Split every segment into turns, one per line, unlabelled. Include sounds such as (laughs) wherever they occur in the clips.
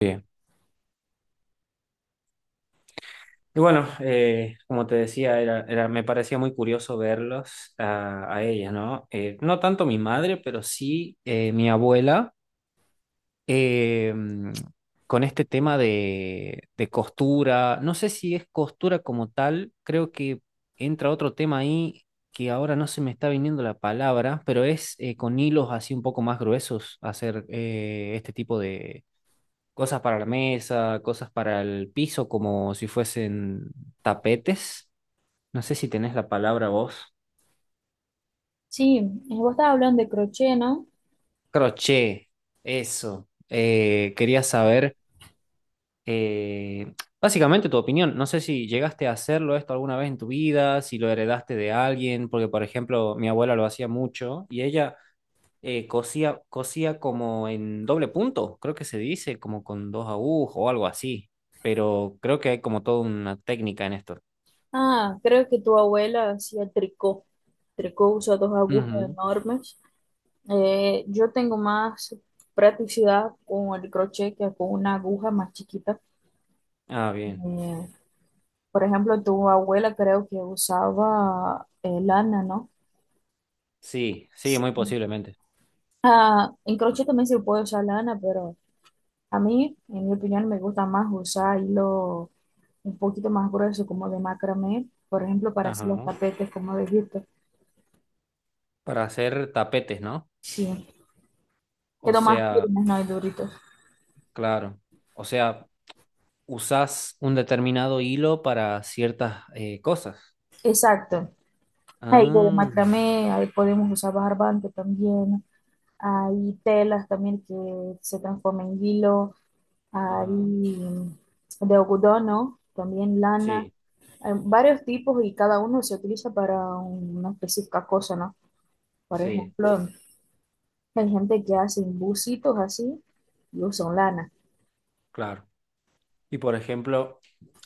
Bien. Y bueno, como te decía, me parecía muy curioso verlos a ellas, ¿no? No tanto mi madre, pero sí mi abuela, eh, mm, con este tema de costura. No sé si es costura como tal, creo que entra otro tema ahí que ahora no se me está viniendo la palabra, pero es con hilos así un poco más gruesos hacer este tipo cosas para la mesa, cosas para el piso, como si fuesen tapetes. No sé si tenés la palabra vos.
Sí, vos estabas hablando de crochet, ¿no?
Crochet, eso. Quería saber eh, básicamente tu opinión. No sé si llegaste a hacerlo esto alguna vez en tu vida, si lo heredaste de alguien, porque por ejemplo mi abuela lo hacía mucho y ella cosía como en doble punto, creo que se dice, como con dos agujas o algo así. Pero creo que hay como toda una técnica en esto.
Ah, creo que tu abuela hacía tricot. Tricot usa dos agujas
Ujú.
enormes. Yo tengo más practicidad con el crochet que con una aguja más chiquita.
Ah, bien.
Eh, por ejemplo, tu abuela creo que usaba lana, ¿no?
Sí, sí,
Sí.
muy posiblemente.
Ah, en crochet también se puede usar lana, pero a mí, en mi opinión, me gusta más usar hilo un poquito más grueso, como de macramé, por ejemplo, para hacer los
Ajá.
tapetes, como dijiste.
Para hacer tapetes, ¿no?
Sí,
O
quedó más
sea,
firmes, no hay duritos.
claro. O sea, usás un determinado hilo para ciertas cosas.
Exacto. Hay hilo de
Ah,
macramé, ahí podemos usar barbante también. Hay telas también que se transforman en hilo.
ajá.
Hay de algodón, ¿no? También lana.
Sí,
Hay varios tipos y cada uno se utiliza para una específica cosa, ¿no? Por
sí,
ejemplo. Hay gente que hace busitos así y usan lana.
claro. Y por ejemplo,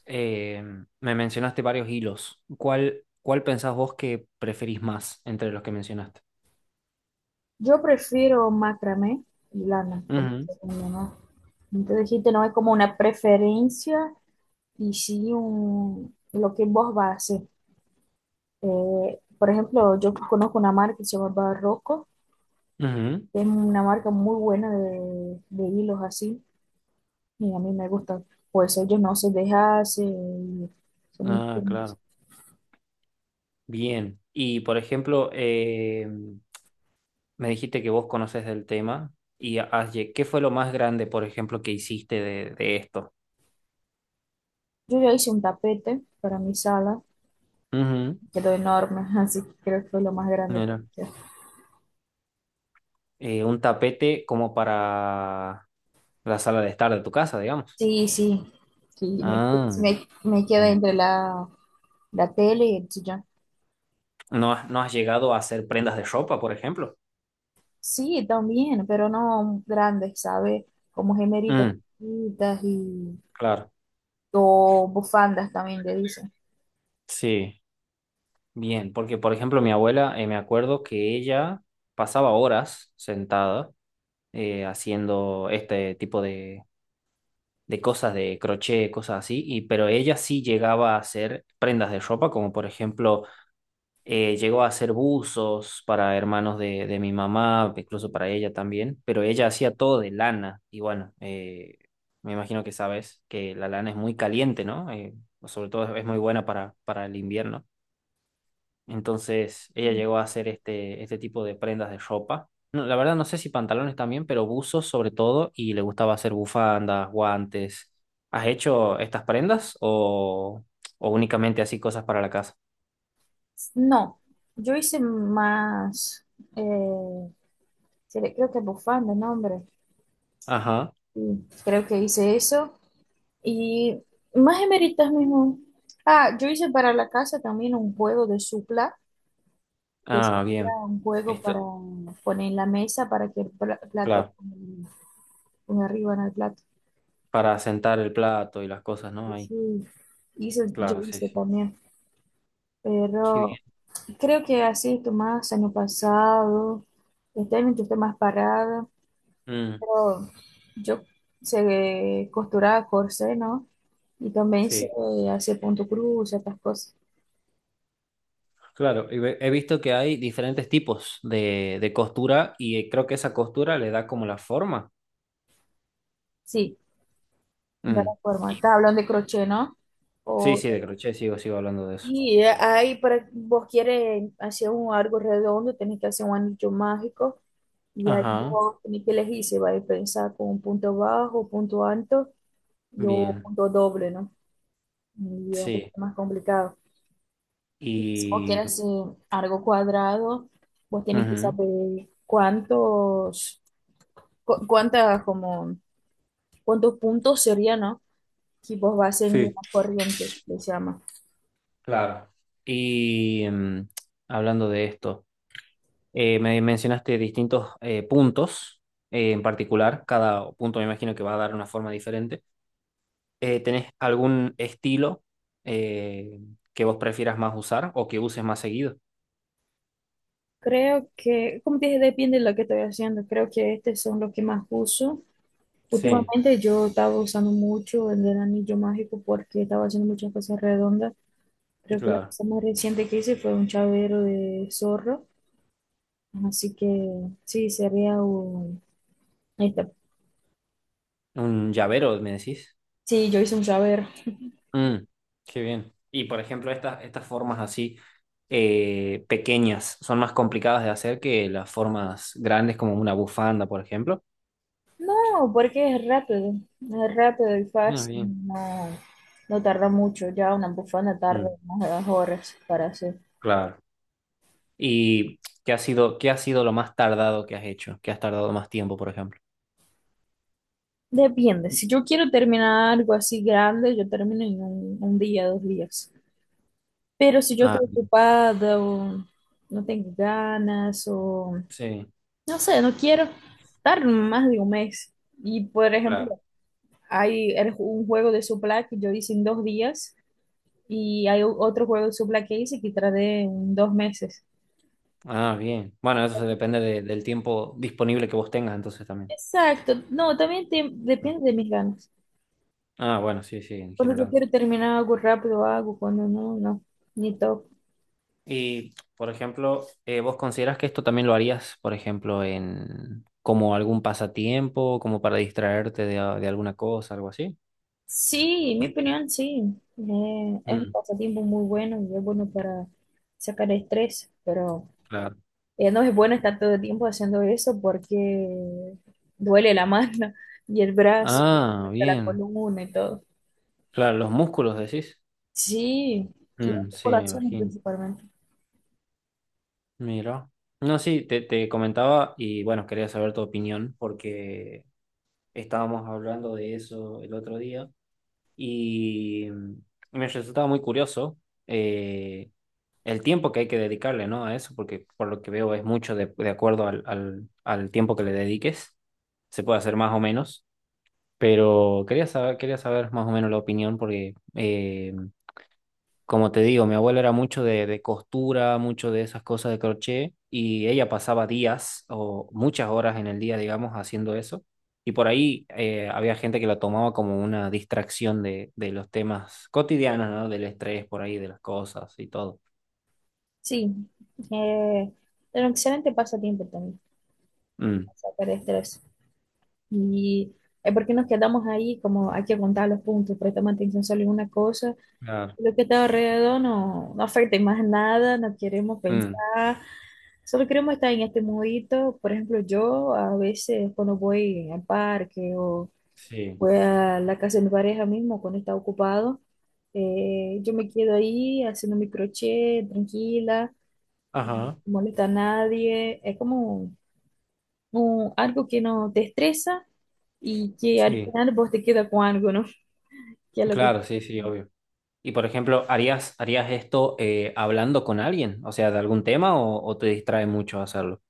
eh, me mencionaste varios hilos. ¿Cuál pensás vos que preferís más entre los que mencionaste?
Yo prefiero macramé y lana. Como
Ujú,
que no, no. Entonces dijiste, no es como una preferencia y sí un, lo que vos vas a hacer. Por ejemplo, yo conozco una marca que se llama barroco,
ujú.
que es una marca muy buena de hilos así y a mí me gustan. Pues ellos no se dejan, se, se me-
Ah, claro. Bien. Y por ejemplo, me dijiste que vos conoces del tema y ¿qué fue lo más grande, por ejemplo, que hiciste de esto?
yo ya hice un tapete para mi sala,
Ujú,
quedó enorme, (laughs) así que creo que fue lo más grande
mira.
que hice.
Un tapete como para la sala de estar de tu casa, digamos.
Sí, sí,
Ah,
sí, me quedo
bien.
entre la, la tele y el sillón.
¿No has llegado a hacer prendas de ropa, por ejemplo?
Sí, también, pero no grandes, ¿sabes? Como gemeritas
Mm,
chiquitas y
claro,
o bufandas también le dicen.
sí, bien, porque por ejemplo mi abuela, me acuerdo que ella pasaba horas sentada haciendo este tipo de cosas de crochet, cosas así, y, pero ella sí llegaba a hacer prendas de ropa, como por ejemplo, llegó a hacer buzos para hermanos de mi mamá, incluso para ella también, pero ella hacía todo de lana, y bueno, me imagino que sabes que la lana es muy caliente, ¿no? Sobre todo es muy buena para el invierno. Entonces ella llegó a hacer este tipo de prendas de ropa. No, la verdad no sé si pantalones también, pero buzos sobre todo, y le gustaba hacer bufandas, guantes. ¿Has hecho estas prendas o únicamente así cosas para la casa?
No, yo hice más, eh, creo que bufandas, no, hombre.
Ajá.
Sí, creo que hice eso y más gemeritas mismo. Ah, yo hice para la casa también un juego de supla, que
Ah,
sería
bien.
un juego para
Esto,
poner en la mesa para que el plato
claro,
ponga, ponga arriba en el plato.
para sentar el plato y las cosas, ¿no?
Y
Ahí.
sí, yo
Claro, sí,
hice
sí.
también,
Qué
pero
bien.
creo que así estoy más año pasado, este año yo estoy más parada,
Mm,
pero yo sé costurar corsé, ¿no? Y también sé
sí,
hacer punto cruz, estas cosas.
claro. Y he visto que hay diferentes tipos de costura y creo que esa costura le da como la forma.
Sí, de la
Mm.
forma. Estás hablando de crochet, ¿no?
Sí,
O...
sí, de crochet sigo hablando de eso.
Y ahí para vos quieres hacer un algo redondo, tenés que hacer un anillo mágico y ahí
Ajá,
vos tenés que elegir si vais a pensar con un punto bajo, punto alto y o
bien,
punto doble, ¿no? Y es un
sí.
poquito más complicado. Si vos
Y...
quieres hacer algo cuadrado, vos tenés que
ujú,
saber cuántos, cuántas, como, cuántos puntos sería, ¿no? Si vos vas a hacer una
sí,
corriente, que se llama.
claro. Y mm, hablando de esto, me mencionaste distintos puntos en particular. Cada punto me imagino que va a dar una forma diferente. ¿Tenés algún estilo eh, que vos prefieras más usar o que uses más seguido?
Creo que, como te dije, depende de lo que estoy haciendo. Creo que estos son los que más uso.
Sí,
Últimamente yo estaba usando mucho el del anillo mágico porque estaba haciendo muchas cosas redondas. Creo que la
claro.
cosa más reciente que hice fue un chavero de zorro. Así que sí, sería un... Ahí está.
¿Un llavero, me decís?
Sí, yo hice un chavero.
Mm, qué bien. Y por ejemplo, estas formas así pequeñas son más complicadas de hacer que las formas grandes como una bufanda, por ejemplo.
No, porque es rápido. Es rápido y
Ah,
fácil.
bien.
No, no tarda mucho. Ya una bufanda tarda
Mm,
unas horas para hacer.
claro. ¿Qué ha sido lo más tardado que has hecho? ¿Qué has tardado más tiempo, por ejemplo?
Depende, si yo quiero terminar algo así grande, yo termino en un día, dos días. Pero si yo
Ah,
estoy ocupada o no tengo ganas o
sí,
no sé, no quiero estar más de un mes. Y por ejemplo,
claro.
hay un juego de Supla que yo hice en dos días y hay otro juego de Supla que hice que tardé en dos meses.
Ah, bien. Bueno, eso se del tiempo disponible que vos tengas entonces también.
Exacto, no, también depende de mis ganas.
Ah, bueno, sí, sí, en
Cuando yo
general.
quiero terminar algo rápido, hago, cuando no, no, ni toco.
Y, por ejemplo, ¿vos consideras que esto también lo harías, por ejemplo, en como algún pasatiempo, como para distraerte de alguna cosa, algo así?
Sí, en mi opinión, sí. Es un
Mm,
pasatiempo muy bueno y es bueno para sacar estrés, pero
claro.
no es bueno estar todo el tiempo haciendo eso porque duele la mano (laughs) y el brazo,
Ah,
hasta la
bien.
columna y todo.
Claro, los músculos decís.
Sí, las
Mm, sí, me
articulaciones
imagino.
principalmente.
Mira. No, sí, te comentaba y bueno, quería saber tu opinión porque estábamos hablando de eso el otro día y mm, me resultaba muy curioso. Eh, el tiempo que hay que dedicarle, ¿no? A eso, porque por lo que veo es mucho de acuerdo al tiempo que le dediques. Se puede hacer más o menos, pero quería saber más o menos la opinión porque, como te digo, mi abuela era mucho de costura, mucho de esas cosas de crochet y ella pasaba días o muchas horas en el día, digamos, haciendo eso. Y por ahí había gente que la tomaba como una distracción de los temas cotidianos, ¿no? Del estrés por ahí, de las cosas y todo.
Sí, eh, es un excelente pasatiempo también
Mm.
para sacar estrés. Y es porque nos quedamos ahí, como hay que contar los puntos, prestamos atención solo en una cosa.
Ah,
Lo que está alrededor no, no afecta en más nada, no queremos
mm,
pensar, solo queremos estar en este mundito. Por ejemplo, yo a veces cuando voy al parque o
sí,
voy a la casa de mi pareja mismo cuando está ocupado, yo me quedo ahí haciendo mi crochet, tranquila, no
ajá,
molesta a nadie. Es como algo que no te estresa y que al
sí,
final vos te quedas con algo, ¿no? (laughs) Que es lo que...
claro, sí, sí, obvio. Y por ejemplo, ¿harías esto hablando con alguien? O sea, de algún tema o te distrae mucho hacerlo?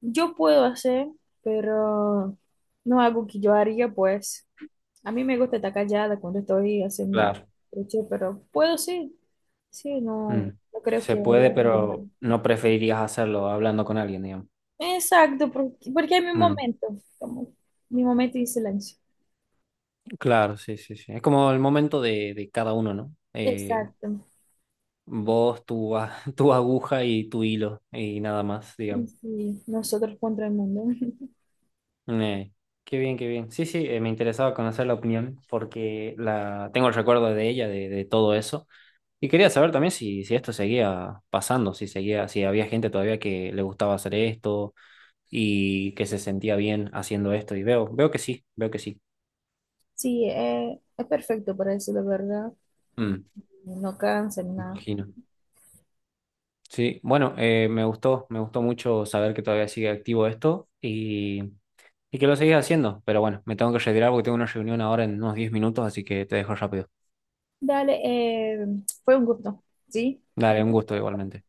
Yo puedo hacer, pero no algo que yo haría, pues. A mí me gusta estar callada cuando estoy haciendo
Claro.
crochet, pero puedo sí. Sí, no,
Mm,
no creo
se
que haría
puede,
algo malo.
pero no preferirías hacerlo hablando con alguien, digamos.
Exacto, porque, porque hay mi
Mm,
momento, como mi momento de silencio.
claro, sí, sí, sí. Es como el momento de cada uno, ¿no?
Exacto.
Vos, tu, a- (laughs) tu aguja y tu hilo y nada más,
Sí,
digamos.
sí, nosotros contra el mundo. (laughs)
Eh, qué bien, qué bien. Sí, sí, me interesaba conocer la opinión porque la tengo el recuerdo de ella, de todo eso. Y quería saber también si esto seguía pasando, si seguía, si había gente todavía que le gustaba hacer esto y que se sentía bien haciendo esto. Y veo que sí, veo que sí.
Sí, es perfecto para eso, la verdad.
Mm,
No cansa ni
me
nada.
imagino. Sí, bueno, me gustó mucho saber que todavía sigue activo esto y que lo seguís haciendo. Pero bueno, me tengo que retirar porque tengo una reunión ahora en unos 10 minutos, así que te dejo rápido.
Dale, fue un gusto. ¿Sí?
Dale, un gusto igualmente.